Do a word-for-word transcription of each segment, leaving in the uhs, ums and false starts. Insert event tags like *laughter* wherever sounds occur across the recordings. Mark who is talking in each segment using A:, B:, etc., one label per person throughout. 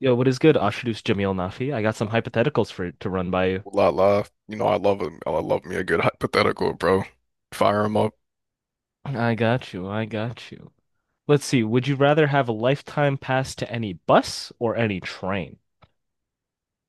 A: Yo, what is good, Ashiduce Jameel Nafi? I got some hypotheticals for to run by you.
B: Lot Live. You know, I love it. I love me a good hypothetical, bro. Fire him up.
A: I got you. I got you. Let's see. Would you rather have a lifetime pass to any bus or any train?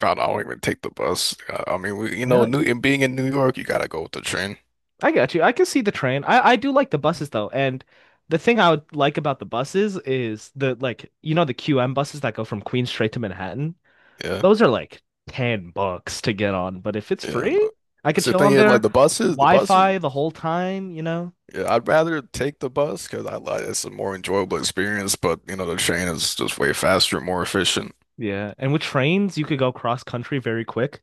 B: God, I don't even take the bus. I, I mean, we, you know,
A: Really?
B: New and being in New York, you gotta go with the train.
A: I got you. I can see the train. I I do like the buses though, and the thing I would like about the buses is the like you know the Q M buses that go from Queens straight to Manhattan.
B: Yeah,
A: Those are like ten bucks to get on, but if it's
B: yeah. I
A: free,
B: know.
A: I could
B: So the
A: chill
B: thing
A: on
B: is, like
A: there,
B: the buses, the buses.
A: Wi-Fi the whole time, you know?
B: Yeah, I'd rather take the bus because I like it's a more enjoyable experience. But you know, the train is just way faster, and more efficient.
A: Yeah, and with trains, you could go cross country very quick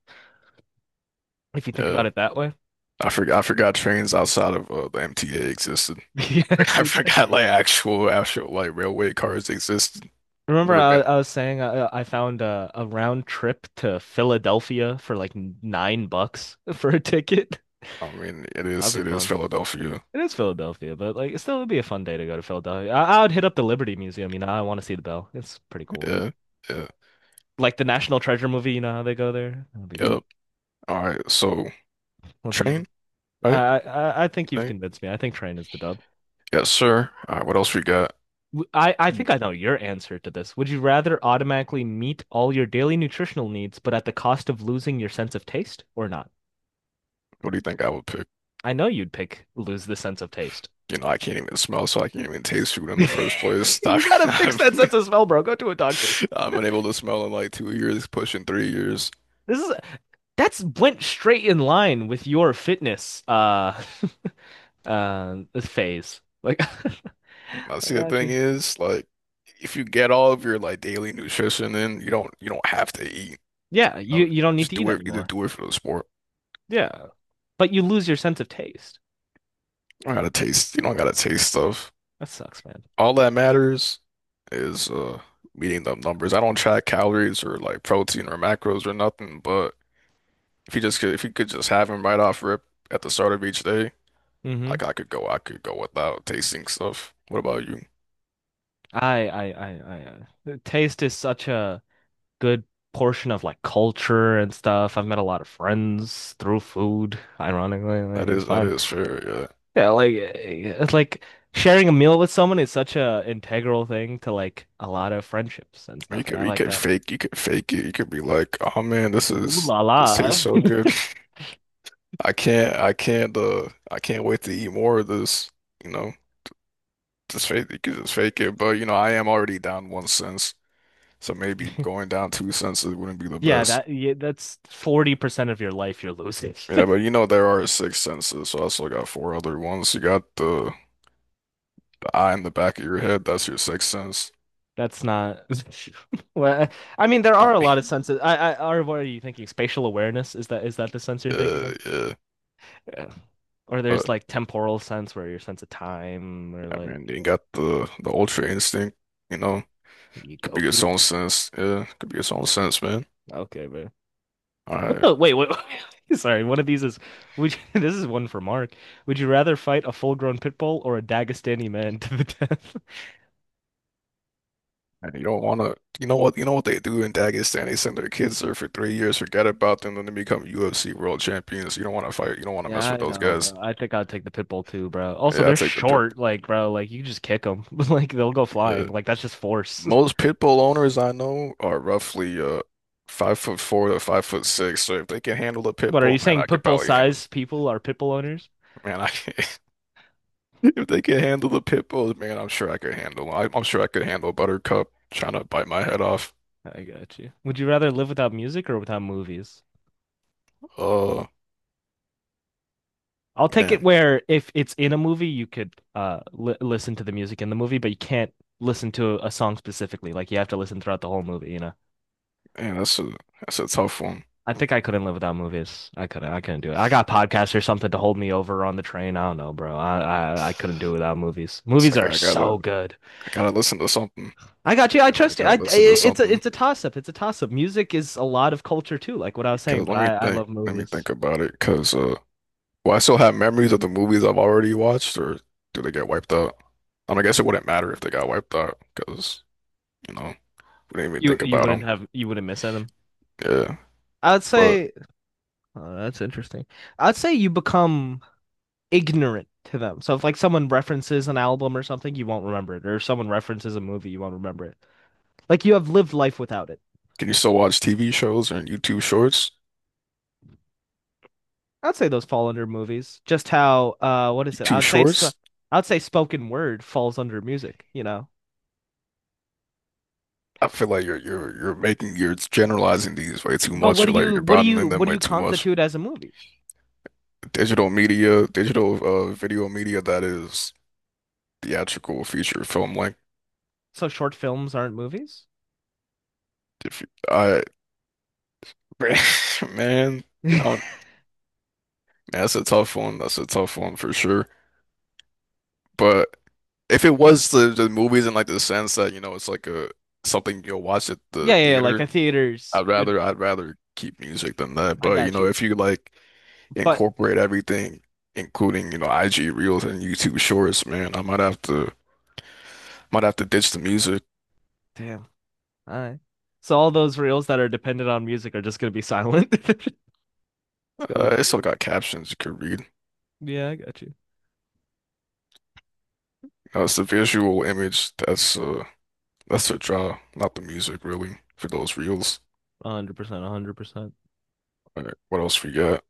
A: if you think
B: Yeah,
A: about it that way.
B: I forgot. I forgot trains outside of uh, the M T A existed. *laughs*
A: *laughs* Yeah.
B: I forgot like actual, actual like railway cars existed.
A: Remember,
B: Never
A: I,
B: been.
A: I was saying I, I found a, a round trip to Philadelphia for like nine bucks *laughs* for a ticket.
B: I mean, it
A: That'd
B: is
A: be
B: it is
A: fun.
B: Philadelphia.
A: It is Philadelphia, but like it still would be a fun day to go to Philadelphia. I, I would hit up the Liberty Museum, you know, I want to see the bell. It's pretty cool.
B: Yeah, yeah,
A: Like the National Treasure movie, you know how they go there? That'd be fun.
B: yep. All right, so
A: What's another?
B: train, right?
A: I I I
B: You
A: think you've
B: think?
A: convinced me. I think train is the dub.
B: Yes, sir. All right, what else we got?
A: I I
B: Hmm.
A: think I know your answer to this. Would you rather automatically meet all your daily nutritional needs, but at the cost of losing your sense of taste or not?
B: What do you think I would pick?
A: I know you'd pick lose the sense of taste.
B: You know, I can't even smell, so I can't even taste food in the first place.
A: *laughs*
B: *laughs*
A: You
B: I've,
A: gotta fix that sense
B: I've,
A: of
B: *laughs*
A: smell, bro. Go to a doctor. *laughs*
B: I've been able to smell in like two years, pushing three years.
A: This is that's went straight in line with your fitness uh *laughs* uh phase. Like,
B: Now,
A: *laughs* I
B: see, the
A: got
B: thing
A: you.
B: is, like, if you get all of your like daily nutrition in, you don't you don't have to eat.
A: Yeah,
B: You
A: you
B: know,
A: you don't need
B: just
A: to eat
B: do it. Either
A: anymore.
B: do it for the sport.
A: Yeah, but you lose your sense of taste.
B: I gotta taste. You don't gotta taste stuff.
A: That sucks, man.
B: All that matters is uh meeting the numbers. I don't track calories or like protein or macros or nothing, but if you just could, if you could just have them right off rip at the start of each day,
A: hmm
B: like I could go I could go without tasting stuff. What about you?
A: I, I, I, I, uh, taste is such a good portion of like culture and stuff. I've met a lot of friends through food, ironically. Like,
B: That
A: it's
B: is that
A: fun.
B: is fair, yeah.
A: Yeah, like, eh, it's like sharing a meal with someone is such a integral thing to like a lot of friendships and
B: You
A: stuff. And
B: could
A: I
B: you
A: like
B: could
A: that.
B: fake you could fake it. You could be like, oh man, this
A: Ooh
B: is
A: la la.
B: this tastes so good. *laughs* I can't I can't uh I can't wait to eat more of this, you know. Just fake you could just fake it, but you know, I am already down one sense. So maybe
A: *laughs*
B: going down two senses wouldn't be the
A: Yeah,
B: best.
A: that, yeah, that's forty percent of your life you're losing. *laughs*
B: Yeah, but you know there are six senses, so I still got four other ones. You got the the eye in the back of your head, that's your sixth sense.
A: That's not, *laughs* well, I mean, there
B: I
A: are a lot of
B: mean,
A: senses. I, I, are what are you thinking? Spatial awareness? Is that, is that the sense you're
B: *laughs*
A: thinking
B: uh,
A: of?
B: yeah.
A: Yeah. Or
B: But
A: there's like temporal sense where your sense of time or
B: yeah, I
A: like
B: mean, you got the the ultra instinct, you know,
A: you
B: could be its
A: Goku.
B: own sense. Yeah, could be its own sense, man.
A: Okay, but
B: All
A: what
B: right.
A: the wait, wait, *laughs* sorry, one of these is would you, *laughs* this is one for Mark. Would you rather fight a full-grown pit bull or a Dagestani man *laughs* to the death? *laughs*
B: And you don't wanna you know what you know what they do in Dagestan? They send their kids there for three years, forget about them, then they become U F C world champions. You don't wanna fight, you don't wanna mess
A: Yeah,
B: with
A: I
B: those
A: know,
B: guys.
A: bro. I think I'd take the pit bull too, bro. Also,
B: Yeah, I
A: they're
B: take the pip.
A: short, like, bro, like you just kick them. *laughs* Like they'll go
B: Yeah.
A: flying. Like that's just force. *laughs*
B: Most pit bull owners I know are roughly uh five foot four to five foot six. So if they can handle a pit
A: What are you
B: bull, man,
A: saying
B: I
A: pit
B: could
A: bull
B: probably handle.
A: size people are pit bull owners?
B: Man, I *laughs* if they can handle the pit bulls, man, I'm sure I could handle. I, I'm sure I could handle Buttercup trying to bite my head off.
A: I got you. Would you rather live without music or without movies?
B: Oh
A: I'll take it
B: man,
A: where if it's in a movie, you could uh li listen to the music in the movie, but you can't listen to a song specifically. Like you have to listen throughout the whole movie, you know.
B: man, that's a that's a tough one.
A: I think I couldn't live without movies. I couldn't. I couldn't do it. I got podcasts or something to hold me over on the train. I don't know, bro. I I, I couldn't do it without movies.
B: So
A: Movies
B: I
A: are
B: gotta, I gotta
A: so good.
B: I gotta listen to something.
A: I got you. I
B: Gotta, I
A: trust you.
B: gotta
A: I,
B: listen to
A: it's a
B: something.
A: it's a toss up. It's a toss up. Music is a lot of culture too, like what I was saying.
B: Cause
A: But
B: let me
A: I I
B: think.
A: love
B: Let me
A: movies.
B: think about it. Cause uh. Will I still have memories of the movies I've already watched, or do they get wiped out? And I guess it wouldn't matter if they got wiped out because, you know, we didn't even
A: You
B: think
A: you
B: about
A: wouldn't
B: them.
A: have you wouldn't miss them.
B: Yeah.
A: I'd
B: But
A: say oh, that's interesting. I'd say you become ignorant to them. So if like someone references an album or something, you won't remember it, or if someone references a movie, you won't remember it. Like you have lived life without it.
B: can you still watch T V shows and YouTube shorts?
A: I'd say those fall under movies. Just how uh, what is it?
B: YouTube
A: I'd say it's, i
B: shorts?
A: I'd say spoken word falls under music. You know.
B: I feel like you're you're you're making you're generalizing these way too
A: But
B: much.
A: what do
B: You're like
A: you
B: you're
A: what do you
B: broadening them
A: what do
B: way
A: you
B: too much.
A: constitute as a movie?
B: Digital media, digital uh video media that is theatrical feature film length.
A: So short films aren't movies?
B: If you, I *laughs* man, I don't,
A: *laughs*
B: man, that's a tough one. That's a tough one for sure. But if it was the, the movies in like the sense that, you know, it's like a something you'll watch at the
A: Yeah, yeah, yeah, like a
B: theater,
A: theaters.
B: I'd
A: You'd
B: rather I'd rather keep music than that.
A: I
B: But you
A: got
B: know,
A: you.
B: if you like
A: But
B: incorporate everything, including, you know, I G Reels and YouTube Shorts, man, I might have to might have to ditch the music.
A: damn, all right. So all those reels that are dependent on music are just gonna be silent. *laughs* It's gonna be
B: Uh, it's still
A: crazy.
B: got captions you could read.
A: Yeah, I got you.
B: You know, it's the visual image that's uh that's the draw, not the music really, for those reels.
A: A hundred percent, a hundred percent.
B: All right, what else we got?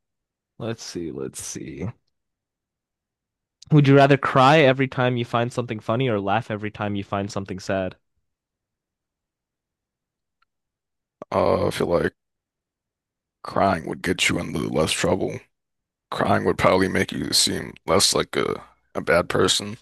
A: Let's see, let's see. Would you rather cry every time you find something funny or laugh every time you find something sad?
B: Uh, I feel like crying would get you into less trouble. Crying would probably make you seem less like a, a bad person.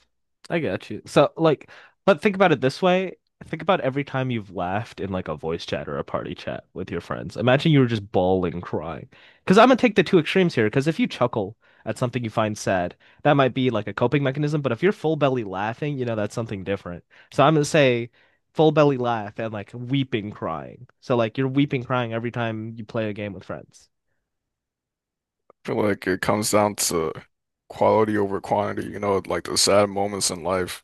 A: I got you. So, like, but think about it this way. Think about every time you've laughed in like a voice chat or a party chat with your friends. Imagine you were just bawling, crying. Because I'm gonna take the two extremes here. Because if you chuckle at something you find sad, that might be like a coping mechanism. But if you're full belly laughing, you know, that's something different. So I'm gonna say full belly laugh and like weeping, crying. So, like, you're weeping, crying every time you play a game with friends.
B: I feel like it comes down to quality over quantity, you know, like the sad moments in life,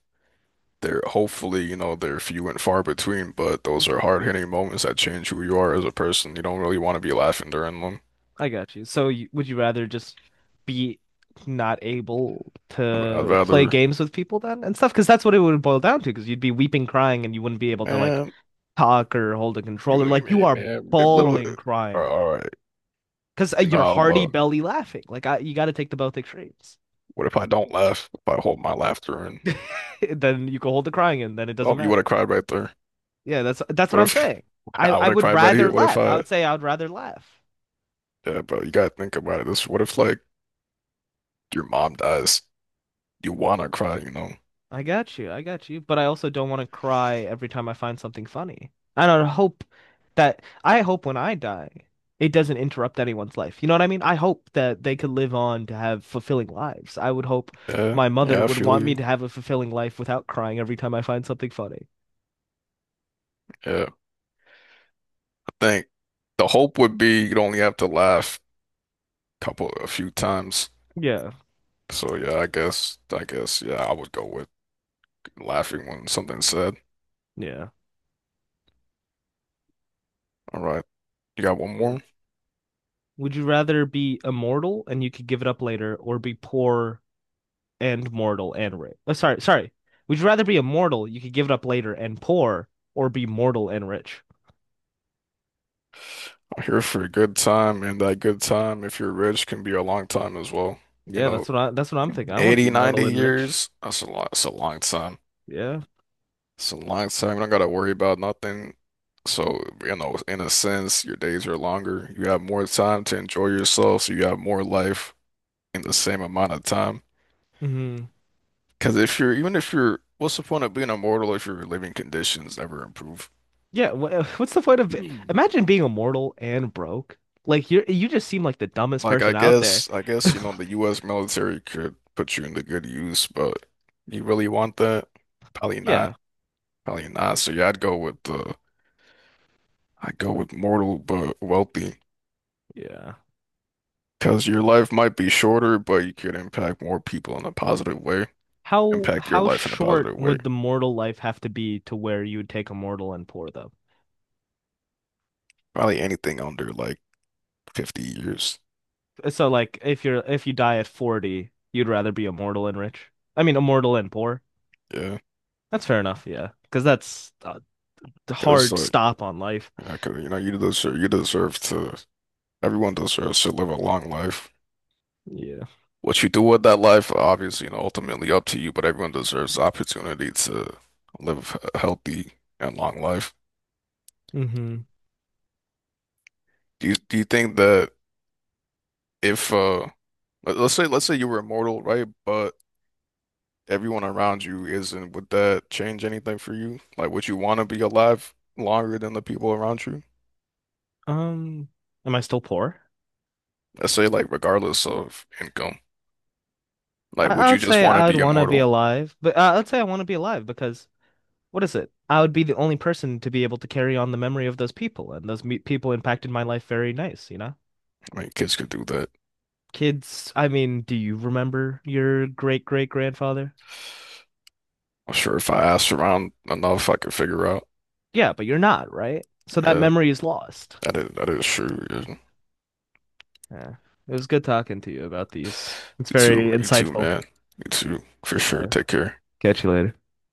B: they're hopefully, you know, they're few and far between, but those
A: Mhm.
B: are hard-hitting moments that change who you are as a person. You don't really want to be laughing during them.
A: I got you. So you, would you rather just be not able
B: I'd I'd
A: to play
B: rather,
A: games with people then and stuff? Because that's what it would boil down to. Because you'd be weeping, crying, and you wouldn't be able to like
B: man,
A: talk or hold a
B: you
A: controller.
B: know, you
A: Like you
B: mean,
A: are
B: man, a little,
A: bawling,
B: all
A: crying
B: all right,
A: because
B: you know,
A: you're
B: I'll,
A: hearty
B: uh,
A: belly laughing. Like I, you got to take the both extremes.
B: what if I don't laugh? If I hold my laughter in?
A: *laughs* Then you can hold the crying in. Then it doesn't
B: Oh, you would
A: matter.
B: have cried right there.
A: Yeah, that's that's what
B: What
A: I'm
B: if
A: saying.
B: *laughs*
A: I
B: I
A: I
B: would have
A: would
B: cried right
A: rather
B: here? What if
A: laugh. I
B: I—
A: would say I would rather laugh.
B: yeah, bro, you gotta think about it. This, what if like your mom dies? You wanna cry, you know?
A: I got you. I got you. But I also don't want to cry every time I find something funny. I don't hope that I hope when I die, it doesn't interrupt anyone's life. You know what I mean? I hope that they could live on to have fulfilling lives. I would hope
B: Yeah,
A: my mother
B: yeah, I
A: would
B: feel
A: want me
B: you.
A: to have a fulfilling life without crying every time I find something funny.
B: Yeah, I think the hope would be you'd only have to laugh a couple, a few times.
A: Yeah.
B: So yeah, I guess, I guess, yeah, I would go with laughing when something's said.
A: Yeah.
B: All right, you got one more?
A: Would you rather be immortal and you could give it up later or be poor and mortal and rich. Oh, sorry, sorry. Would you rather be immortal? You could give it up later and poor, or be mortal and rich.
B: I'm here for a good time, and that good time, if you're rich, can be a long time as well. You
A: Yeah,
B: know,
A: that's what I. That's what I'm thinking. I want to
B: eighty,
A: be mortal
B: ninety
A: and rich.
B: years, that's a lot, that's a long time.
A: Yeah.
B: It's a long time. I don't gotta worry about nothing. So, you know, in a sense, your days are longer. You have more time to enjoy yourself, so you have more life in the same amount of time.
A: hmm
B: Because if you're, even if you're, what's the point of being immortal if your living conditions never improve?
A: Yeah. wha- *laughs* What's the point of it?
B: Hmm.
A: Imagine being immortal and broke. Like you, you just seem like the dumbest
B: Like, I
A: person out there.
B: guess, I guess, you know, the
A: *laughs*
B: U S military could put you into good use, but you really want that? Probably
A: Yeah.
B: not. Probably not. So, yeah, I'd go with uh, I'd go with mortal but wealthy.
A: Yeah.
B: Because your life might be shorter, but you could impact more people in a positive way.
A: How
B: Impact your
A: how
B: life in a
A: short
B: positive way.
A: would the mortal life have to be to where you would take immortal and poor though?
B: Probably anything under like fifty years.
A: So like if you're if you die at forty, you'd rather be immortal and rich. I mean immortal and poor.
B: Yeah.
A: That's fair enough, yeah. Because that's a
B: Because
A: hard
B: like,
A: stop on life.
B: yeah, 'cause, you know, you deserve, you deserve to, everyone deserves to live a long life.
A: Yeah.
B: What you do with that life, obviously, you know, ultimately up to you, but everyone deserves the opportunity to live a healthy and long life.
A: hmm
B: Do you, do you think that if, uh, let- let's say, let's say you were immortal, right? But everyone around you isn't, would that change anything for you? Like, would you want to be alive longer than the people around you?
A: Um, am I still poor?
B: Let's say like regardless of income, like
A: I, I
B: would you
A: would
B: just
A: say
B: want to
A: I'd
B: be
A: want to be
B: immortal?
A: alive, but uh, I'd say I want to be alive because what is it? I would be the only person to be able to carry on the memory of those people, and those me people impacted my life very nice, you know?
B: I mean, kids could do that.
A: Kids, I mean, do you remember your great great grandfather?
B: I'm sure if I asked around enough, I could figure out.
A: Yeah, but you're not, right? So that
B: Yeah,
A: memory is lost.
B: that is that is true. Yeah. You
A: Yeah. It was good talking to you about these. It's very
B: too, you too,
A: insightful.
B: man. You too, for sure.
A: Uh,
B: Take care.
A: catch you later.